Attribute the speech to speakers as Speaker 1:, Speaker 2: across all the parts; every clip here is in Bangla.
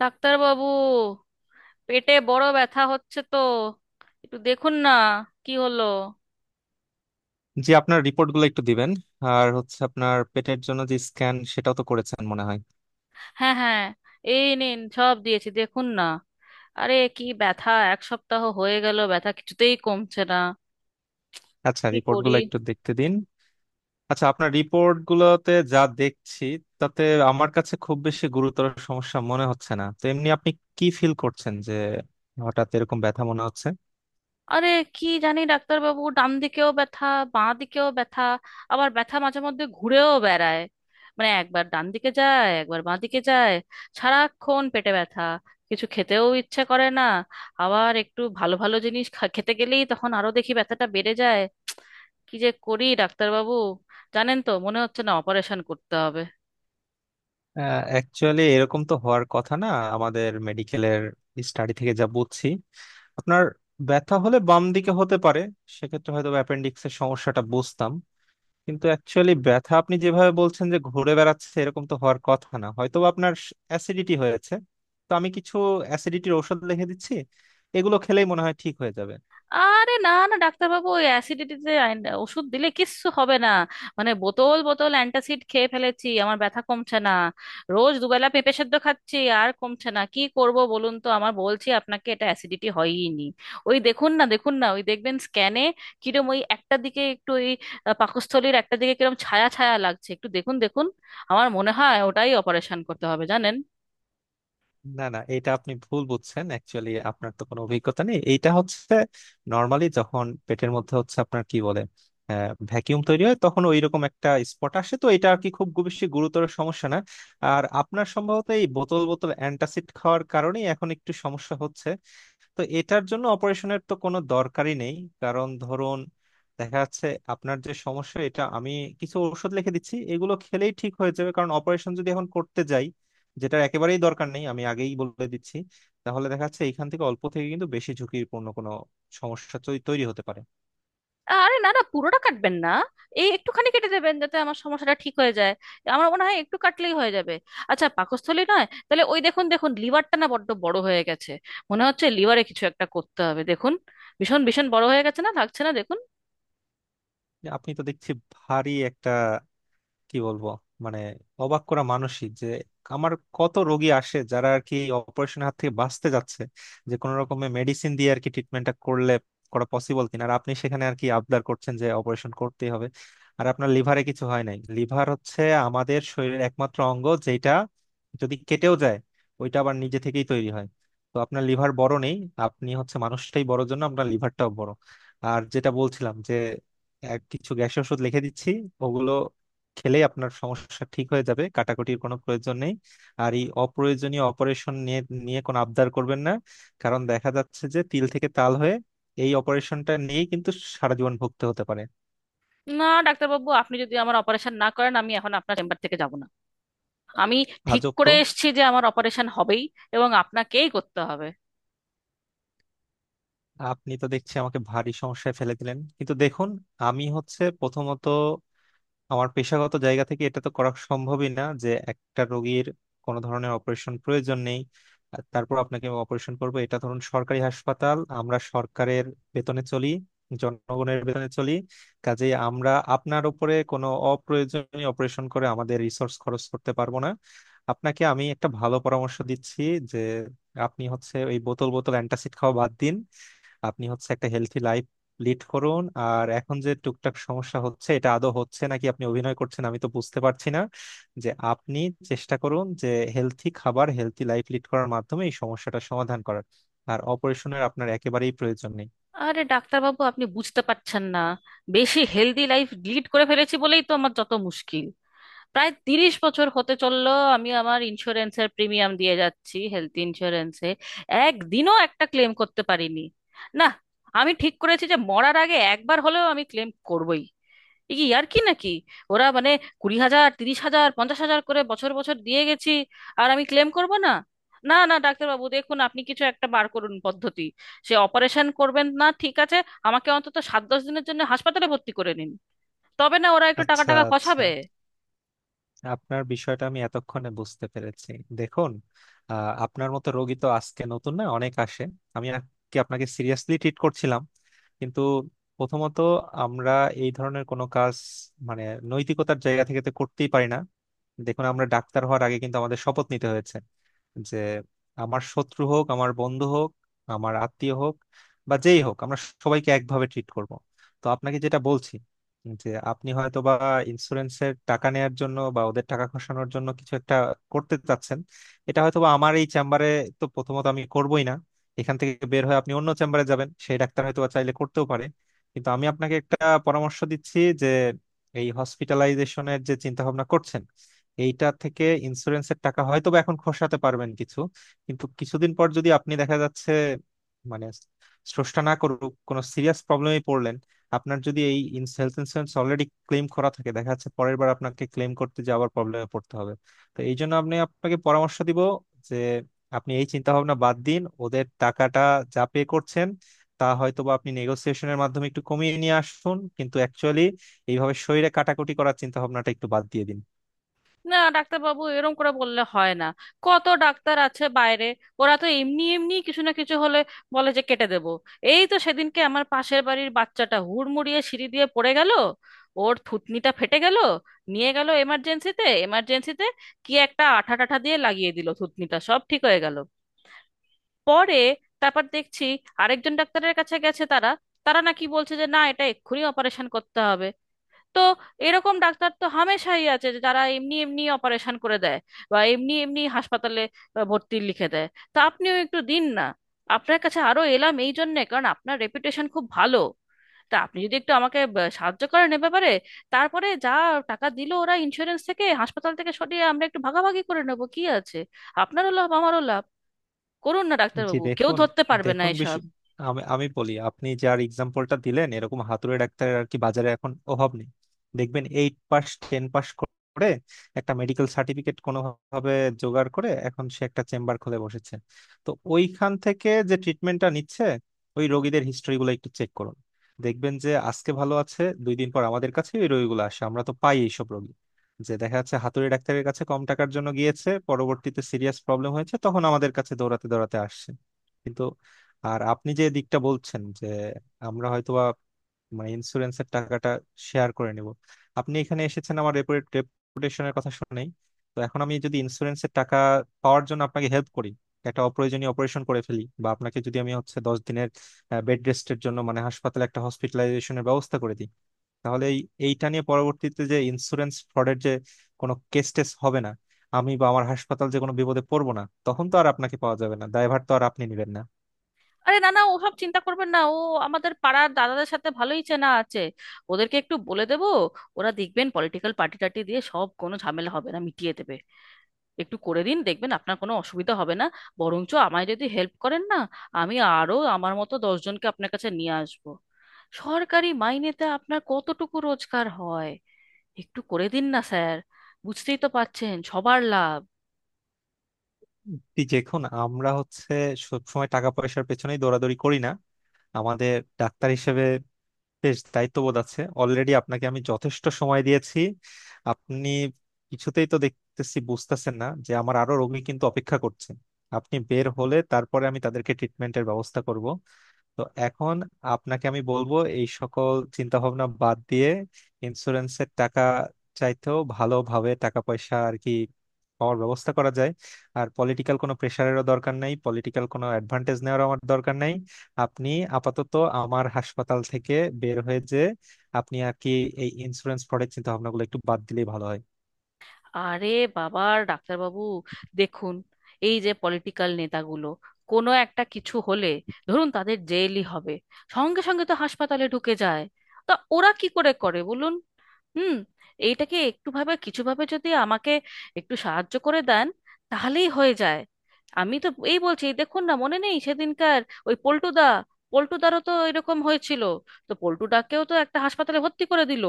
Speaker 1: ডাক্তারবাবু, পেটে বড় ব্যথা হচ্ছে তো, একটু দেখুন না। কি হলো?
Speaker 2: জি, আপনার রিপোর্টগুলো একটু দিবেন। আর হচ্ছে আপনার পেটের জন্য যে স্ক্যান সেটাও তো করেছেন মনে হয়।
Speaker 1: হ্যাঁ, হ্যাঁ, এই নিন সব দিয়েছি, দেখুন না। আরে কি ব্যথা, এক সপ্তাহ হয়ে গেল ব্যথা কিছুতেই কমছে না।
Speaker 2: আচ্ছা,
Speaker 1: কি করি!
Speaker 2: রিপোর্টগুলো একটু দেখতে দিন। আচ্ছা, আপনার রিপোর্টগুলোতে যা দেখছি তাতে আমার কাছে খুব বেশি গুরুতর সমস্যা মনে হচ্ছে না। তো এমনি আপনি কি ফিল করছেন যে হঠাৎ এরকম ব্যথা মনে হচ্ছে?
Speaker 1: আরে কি জানি ডাক্তারবাবু, ডান দিকেও ব্যথা, বাঁ দিকেও ব্যথা, আবার ব্যথা মাঝে মধ্যে ঘুরেও বেড়ায়। মানে একবার ডান দিকে যায়, একবার বাঁ দিকে যায়। সারাক্ষণ পেটে ব্যথা, কিছু খেতেও ইচ্ছে করে না। আবার একটু ভালো ভালো জিনিস খেতে গেলেই তখন আরো দেখি ব্যথাটা বেড়ে যায়। কি যে করি ডাক্তারবাবু, জানেন তো, মনে হচ্ছে না অপারেশন করতে হবে।
Speaker 2: অ্যাকচুয়ালি এরকম তো হওয়ার কথা না। আমাদের মেডিকেলের স্টাডি থেকে যা বুঝছি, আপনার ব্যথা হলে বাম দিকে হতে পারে। সেক্ষেত্রে হয়তো অ্যাপেন্ডিক্সের সমস্যাটা বুঝতাম। কিন্তু অ্যাকচুয়ালি ব্যথা আপনি যেভাবে বলছেন যে ঘুরে বেড়াচ্ছে, এরকম তো হওয়ার কথা না। হয়তো বা আপনার অ্যাসিডিটি হয়েছে। তো আমি কিছু অ্যাসিডিটির ওষুধ লিখে দিচ্ছি, এগুলো খেলেই মনে হয় ঠিক হয়ে যাবে।
Speaker 1: আরে না না ডাক্তারবাবু, ওই অ্যাসিডিটিতে ওষুধ দিলে কিচ্ছু হবে না। মানে বোতল বোতল অ্যান্টাসিড খেয়ে ফেলেছি, আমার ব্যথা কমছে না। রোজ দুবেলা পেঁপে সেদ্ধ খাচ্ছি, আর কমছে না। কি করব বলুন তো! আমার বলছি আপনাকে, এটা অ্যাসিডিটি হয়ই নি। ওই দেখুন না, দেখুন না, ওই দেখবেন স্ক্যানে, কিরম ওই একটা দিকে একটু ওই পাকস্থলীর একটা দিকে কিরম ছায়া ছায়া লাগছে, একটু দেখুন দেখুন। আমার মনে হয় ওটাই, অপারেশন করতে হবে জানেন।
Speaker 2: না না, এটা আপনি ভুল বুঝছেন। অ্যাকচুয়ালি আপনার তো কোনো অভিজ্ঞতা নেই। এইটা হচ্ছে নর্মালি যখন পেটের মধ্যে হচ্ছে আপনার কি বলে ভ্যাকিউম তৈরি হয়, তখন ওইরকম একটা স্পট আসে। তো এটা আর কি খুব বেশি গুরুতর সমস্যা না। আর আপনার সম্ভবত এই বোতল বোতল অ্যান্টাসিড খাওয়ার কারণেই এখন একটু সমস্যা হচ্ছে। তো এটার জন্য অপারেশনের তো কোনো দরকারই নেই। কারণ ধরুন দেখা যাচ্ছে আপনার যে সমস্যা, এটা আমি কিছু ওষুধ লিখে দিচ্ছি, এগুলো খেলেই ঠিক হয়ে যাবে। কারণ অপারেশন যদি এখন করতে যাই, যেটার একেবারেই দরকার নেই আমি আগেই বলে দিচ্ছি, তাহলে দেখা যাচ্ছে এখান থেকে অল্প থেকে কিন্তু বেশি ঝুঁকিপূর্ণ কোনো সমস্যা তৈরি হতে পারে।
Speaker 1: আরে না না, পুরোটা কাটবেন না, এই একটুখানি কেটে দেবেন যাতে আমার সমস্যাটা ঠিক হয়ে যায়। আমার মনে হয় একটু কাটলেই হয়ে যাবে। আচ্ছা পাকস্থলী নয় তাহলে, ওই দেখুন দেখুন লিভারটা না বড্ড বড় হয়ে গেছে। মনে হচ্ছে লিভারে কিছু একটা করতে হবে, দেখুন, ভীষণ ভীষণ বড় হয়ে গেছে না? লাগছে না, দেখুন।
Speaker 2: যে আপনি তো দেখছি ভারী একটা, কি বলবো, মানে, অবাক করা মানসিক। যে আমার কত রোগী আসে যারা আর কি অপারেশন হাত থেকে বাঁচতে যাচ্ছে, যে কোনো রকমের মেডিসিন দিয়ে আর কি ট্রিটমেন্টটা করলে করা পসিবল কিনা। আর আপনি সেখানে আর কি আবদার করছেন যে অপারেশন করতেই হবে। আর আপনার লিভারে কিছু হয় নাই। লিভার হচ্ছে আমাদের শরীরের একমাত্র অঙ্গ যেটা যদি কেটেও যায়, ওইটা আবার নিজে থেকেই তৈরি হয়। তো আপনার লিভার বড় নেই, আপনি হচ্ছে মানুষটাই বড় জন্য আপনার লিভারটাও বড়। আর যেটা বলছিলাম যে এক কিছু গ্যাসের ওষুধ লিখে দিচ্ছি, ওগুলো খেলে আপনার সমস্যা ঠিক হয়ে যাবে, কাটাকুটির কোনো প্রয়োজন নেই। আর এই অপ্রয়োজনীয় অপারেশন নিয়ে নিয়ে কোনো আবদার করবেন না। কারণ দেখা যাচ্ছে যে তিল থেকে তাল হয়ে এই অপারেশনটা নিয়েই কিন্তু সারা জীবন ভুগতে হতে পারে।
Speaker 1: না ডাক্তারবাবু, আপনি যদি আমার অপারেশন না করেন, আমি এখন আপনার চেম্বার থেকে যাব না। আমি ঠিক
Speaker 2: আজব
Speaker 1: করে
Speaker 2: তো।
Speaker 1: এসেছি যে আমার অপারেশন হবেই, এবং আপনাকেই করতে হবে।
Speaker 2: আপনি তো দেখছি আমাকে ভারী সমস্যায় ফেলে দিলেন। কিন্তু দেখুন, আমি হচ্ছে প্রথমত আমার পেশাগত জায়গা থেকে এটা তো করা সম্ভবই না যে একটা রোগীর কোনো ধরনের অপারেশন প্রয়োজন নেই আর তারপর আপনাকে অপারেশন করবো। এটা ধরুন সরকারি হাসপাতাল, আমরা সরকারের বেতনে চলি, জনগণের বেতনে চলি। কাজেই আমরা আপনার উপরে কোনো অপ্রয়োজনীয় অপারেশন করে আমাদের রিসোর্স খরচ করতে পারবো না। আপনাকে আমি একটা ভালো পরামর্শ দিচ্ছি যে আপনি হচ্ছে ওই বোতল বোতল অ্যান্টাসিড খাওয়া বাদ দিন। আপনি হচ্ছে একটা হেলথি লাইফ লিড করুন। আর এখন যে টুকটাক সমস্যা হচ্ছে এটা আদৌ হচ্ছে নাকি আপনি অভিনয় করছেন আমি তো বুঝতে পারছি না। যে আপনি চেষ্টা করুন যে হেলথি খাবার হেলথি লাইফ লিড করার মাধ্যমে এই সমস্যাটা সমাধান করার। আর অপারেশনের আপনার একেবারেই প্রয়োজন নেই।
Speaker 1: আরে ডাক্তারবাবু আপনি বুঝতে পারছেন না, বেশি হেলদি লাইফ লিড করে ফেলেছি বলেই তো আমার যত মুশকিল। প্রায় 30 বছর হতে চললো আমি আমার ইন্স্যুরেন্সের প্রিমিয়াম দিয়ে যাচ্ছি, হেলথ ইন্স্যুরেন্সে। একদিনও একটা ক্লেম করতে পারিনি। না, আমি ঠিক করেছি যে মরার আগে একবার হলেও আমি ক্লেম করবই। এ কি আর কি নাকি! ওরা মানে, 20,000, 30,000, 50,000 করে বছর বছর দিয়ে গেছি, আর আমি ক্লেম করব না! না না ডাক্তারবাবু, দেখুন আপনি কিছু একটা বার করুন পদ্ধতি। সে অপারেশন করবেন না, ঠিক আছে, আমাকে অন্তত সাত দশ দিনের জন্য হাসপাতালে ভর্তি করে নিন। তবে না ওরা একটু টাকা
Speaker 2: আচ্ছা
Speaker 1: টাকা
Speaker 2: আচ্ছা,
Speaker 1: খসাবে।
Speaker 2: আপনার বিষয়টা আমি এতক্ষণে বুঝতে পেরেছি। দেখুন, আপনার মতো রোগী তো আজকে নতুন না, অনেক আসে। আমি আর কি আপনাকে সিরিয়াসলি ট্রিট করছিলাম। কিন্তু প্রথমত আমরা এই ধরনের কোনো কাজ, মানে, নৈতিকতার জায়গা থেকে তো করতেই পারি না। দেখুন, আমরা ডাক্তার হওয়ার আগে কিন্তু আমাদের শপথ নিতে হয়েছে যে আমার শত্রু হোক, আমার বন্ধু হোক, আমার আত্মীয় হোক, বা যেই হোক, আমরা সবাইকে একভাবে ট্রিট করব। তো আপনাকে যেটা বলছি যে আপনি হয়তো বা ইন্স্যুরেন্সের টাকা নেয়ার জন্য বা ওদের টাকা খসানোর জন্য কিছু একটা করতে চাচ্ছেন, এটা হয়তো বা। আমার এই চেম্বারে তো প্রথমত আমি করবই না। এখান থেকে বের হয়ে আপনি অন্য চেম্বারে যাবেন, সেই ডাক্তার হয়তো বা চাইলে করতেও পারে। কিন্তু আমি আপনাকে একটা পরামর্শ দিচ্ছি যে এই হসপিটালাইজেশনের যে চিন্তা ভাবনা করছেন এইটা থেকে ইন্স্যুরেন্সের টাকা হয়তো বা এখন খসাতে পারবেন কিছু। কিন্তু কিছুদিন পর যদি আপনি, দেখা যাচ্ছে, মানে, স্রষ্টা না করুক, কোনো সিরিয়াস প্রবলেমে পড়লেন, আপনার যদি এই হেলথ ইন্স্যুরেন্স অলরেডি ক্লেম করা থাকে দেখা যাচ্ছে পরের বার আপনাকে ক্লেম করতে যাওয়ার প্রবলেমে পড়তে হবে। তো এই জন্য আমি আপনাকে পরামর্শ দিব যে আপনি এই চিন্তা ভাবনা বাদ দিন। ওদের টাকাটা যা পে করছেন তা হয়তো বা আপনি নেগোসিয়েশনের মাধ্যমে একটু কমিয়ে নিয়ে আসুন, কিন্তু অ্যাকচুয়ালি এইভাবে শরীরে কাটাকুটি করার চিন্তা ভাবনাটা একটু বাদ দিয়ে দিন।
Speaker 1: না ডাক্তারবাবু, এরকম করে বললে হয় না। কত ডাক্তার আছে বাইরে, ওরা তো এমনি এমনি কিছু না কিছু হলে বলে যে কেটে দেব। এই তো সেদিনকে আমার পাশের বাড়ির বাচ্চাটা হুড়মুড়িয়ে সিঁড়ি দিয়ে পড়ে গেল, ওর থুতনিটা ফেটে গেল, নিয়ে গেল এমার্জেন্সিতে এমার্জেন্সিতে, কি একটা আঠা টাঠা দিয়ে লাগিয়ে দিল, থুতনিটা সব ঠিক হয়ে গেল। পরে, তারপর দেখছি আরেকজন ডাক্তারের কাছে গেছে তারা, তারা নাকি বলছে যে না এটা এক্ষুনি অপারেশন করতে হবে। তো এরকম ডাক্তার তো হামেশাই আছে, যে যারা এমনি এমনি অপারেশন করে দেয়, বা এমনি এমনি হাসপাতালে ভর্তি লিখে দেয়। তা আপনিও একটু দিন না। আপনার কাছে আরো এলাম এই জন্যে কারণ আপনার রেপুটেশন খুব ভালো। তা আপনি যদি একটু আমাকে সাহায্য করেন এ ব্যাপারে, তারপরে যা টাকা দিল ওরা ইন্স্যুরেন্স থেকে, হাসপাতাল থেকে সরিয়ে আমরা একটু ভাগাভাগি করে নেবো, কি আছে। আপনারও লাভ, আমারও লাভ। করুন না
Speaker 2: জি
Speaker 1: ডাক্তারবাবু, কেউ
Speaker 2: দেখুন,
Speaker 1: ধরতে পারবে না
Speaker 2: দেখুন
Speaker 1: এসব।
Speaker 2: বিশ- আমি আমি বলি আপনি যার এক্সাম্পলটা দিলেন, এরকম হাতুড়ে ডাক্তারের আর কি বাজারে এখন অভাব নেই। দেখবেন 8 পাস 10 পাস করে একটা মেডিকেল সার্টিফিকেট কোনোভাবে জোগাড় করে এখন সে একটা চেম্বার খুলে বসেছে। তো ওইখান থেকে যে ট্রিটমেন্টটা নিচ্ছে ওই রোগীদের হিস্ট্রিগুলো একটু চেক করুন। দেখবেন যে আজকে ভালো আছে, 2 দিন পর আমাদের কাছে ওই রোগীগুলো আসে, আমরা তো পাই এইসব রোগী। যে দেখা যাচ্ছে হাতুড়ি ডাক্তারের কাছে কম টাকার জন্য গিয়েছে, পরবর্তীতে সিরিয়াস প্রবলেম হয়েছে, তখন আমাদের কাছে দৌড়াতে দৌড়াতে আসছে। কিন্তু আর আপনি যে দিকটা বলছেন যে আমরা হয়তোবা, মানে, ইন্স্যুরেন্সের টাকাটা শেয়ার করে নিব। আপনি এখানে এসেছেন আমার রেপুটেশনের কথা শুনেই। তো এখন আমি যদি ইন্স্যুরেন্সের টাকা পাওয়ার জন্য আপনাকে হেল্প করি, একটা অপ্রয়োজনীয় অপারেশন করে ফেলি, বা আপনাকে যদি আমি হচ্ছে 10 দিনের বেড রেস্টের জন্য মানে হাসপাতালে একটা হসপিটালাইজেশনের ব্যবস্থা করে দিই, তাহলে এইটা নিয়ে পরবর্তীতে যে ইন্স্যুরেন্স ফ্রডের যে কোনো কেস টেস হবে না, আমি বা আমার হাসপাতাল যে কোনো বিপদে পড়বো না, তখন তো আর আপনাকে পাওয়া যাবে না, দায়ভার তো আর আপনি নিবেন না।
Speaker 1: আরে না না, ওসব চিন্তা করবেন না। ও আমাদের পাড়ার দাদাদের সাথে ভালোই চেনা আছে, ওদেরকে একটু বলে দেবো, ওরা দেখবেন পলিটিক্যাল পার্টি টাটি দিয়ে সব কোনো ঝামেলা হবে না, মিটিয়ে দেবে। একটু করে দিন, দেখবেন আপনার কোনো অসুবিধা হবে না। বরঞ্চ আমায় যদি হেল্প করেন না, আমি আরো আমার মতো 10 জনকে আপনার কাছে নিয়ে আসবো। সরকারি মাইনেতে আপনার কতটুকু রোজগার হয়! একটু করে দিন না স্যার, বুঝতেই তো পারছেন সবার লাভ।
Speaker 2: এই দেখুন, আমরা হচ্ছে সবসময় টাকা পয়সার পেছনেই দৌড়াদৌড়ি করি না। আমাদের ডাক্তার হিসেবে বেশ দায়িত্ববোধ আছে। অলরেডি আপনাকে আমি যথেষ্ট সময় দিয়েছি। আপনি কিছুতেই তো দেখতেছি বুঝতেছেন না যে আমার আরো রোগী কিন্তু অপেক্ষা করছে। আপনি বের হলে তারপরে আমি তাদেরকে ট্রিটমেন্টের ব্যবস্থা করব। তো এখন আপনাকে আমি বলবো এই সকল চিন্তা ভাবনা বাদ দিয়ে ইন্স্যুরেন্সের টাকা চাইতেও ভালোভাবে টাকা পয়সা আর কি পাওয়ার ব্যবস্থা করা যায়। আর পলিটিক্যাল কোনো প্রেশারেরও দরকার নাই, পলিটিক্যাল কোনো অ্যাডভান্টেজ নেওয়ার আমার দরকার নাই। আপনি আপাতত আমার হাসপাতাল থেকে বের হয়ে যে আপনি আর কি এই ইন্স্যুরেন্স ফ্রডের চিন্তা ভাবনাগুলো একটু বাদ দিলেই ভালো
Speaker 1: আরে বাবা ডাক্তারবাবু, দেখুন, এই যে পলিটিক্যাল নেতাগুলো, কোনো একটা কিছু হলে, ধরুন তাদের জেলই হবে, সঙ্গে সঙ্গে তো হাসপাতালে ঢুকে যায়। তা ওরা কি করে করে বলুন। হুম, এইটাকে একটু ভাবে, কিছু ভাবে যদি আমাকে একটু সাহায্য করে দেন, তাহলেই হয়ে যায়। আমি তো এই বলছি, দেখুন না, মনে নেই সেদিনকার, ওই পল্টুদা, পল্টুদারও তো এরকম হয়েছিল, তো পল্টুদাকেও তো একটা হাসপাতালে ভর্তি করে দিল।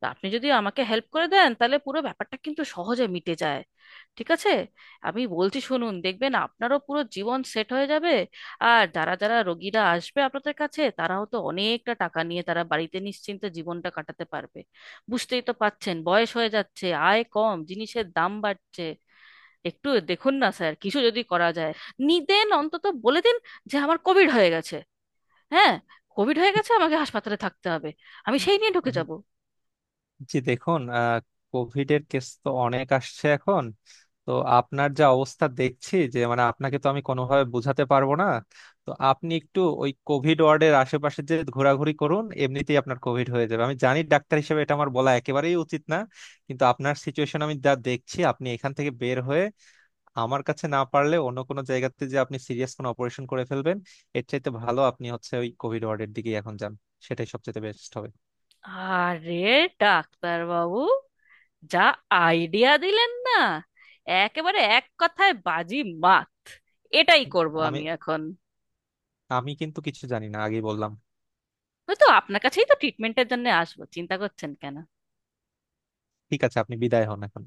Speaker 1: তা আপনি যদি আমাকে হেল্প করে দেন, তাহলে পুরো ব্যাপারটা কিন্তু সহজে মিটে যায়। ঠিক আছে, আমি বলছি শুনুন, দেখবেন আপনারও পুরো জীবন সেট হয়ে যাবে। আর যারা যারা রোগীরা আসবে আপনাদের কাছে, তারাও তো অনেকটা টাকা নিয়ে তারা বাড়িতে নিশ্চিন্তে জীবনটা কাটাতে পারবে। বুঝতেই তো পাচ্ছেন, বয়স হয়ে যাচ্ছে, আয় কম, জিনিসের দাম বাড়ছে। একটু দেখুন না স্যার, কিছু যদি করা যায়। নিদেন অন্তত বলে দিন যে আমার কোভিড হয়ে গেছে। হ্যাঁ, কোভিড হয়ে
Speaker 2: হয়।
Speaker 1: গেছে, আমাকে হাসপাতালে থাকতে হবে। আমি সেই নিয়ে ঢুকে যাব।
Speaker 2: জি দেখুন, কোভিড এর কেস তো অনেক আসছে এখন। তো আপনার যা অবস্থা দেখছি, যে মানে আপনাকে তো আমি কোনোভাবে বোঝাতে পারবো না। তো আপনি একটু ওই কোভিড ওয়ার্ডের আশেপাশে যে ঘোরাঘুরি করুন, এমনিতেই আপনার কোভিড হয়ে যাবে। আমি জানি ডাক্তার হিসেবে এটা আমার বলা একেবারেই উচিত না। কিন্তু আপনার সিচুয়েশন আমি যা দেখছি, আপনি এখান থেকে বের হয়ে আমার কাছে না পারলে অন্য কোনো জায়গাতে যে আপনি সিরিয়াস কোনো অপারেশন করে ফেলবেন, এর চাইতে ভালো আপনি হচ্ছে ওই কোভিড ওয়ার্ডের দিকেই এখন যান। সেটাই সবচেয়ে বেস্ট হবে।
Speaker 1: আরে ডাক্তার বাবু, যা আইডিয়া দিলেন না, একেবারে এক কথায় বাজি মাত! এটাই করব
Speaker 2: আমি
Speaker 1: আমি এখন।
Speaker 2: আমি কিন্তু কিছু জানি না, আগেই বললাম।
Speaker 1: হয়তো আপনার কাছেই তো ট্রিটমেন্টের জন্য আসবো, চিন্তা করছেন কেন।
Speaker 2: ঠিক আছে, আপনি বিদায় হন এখন।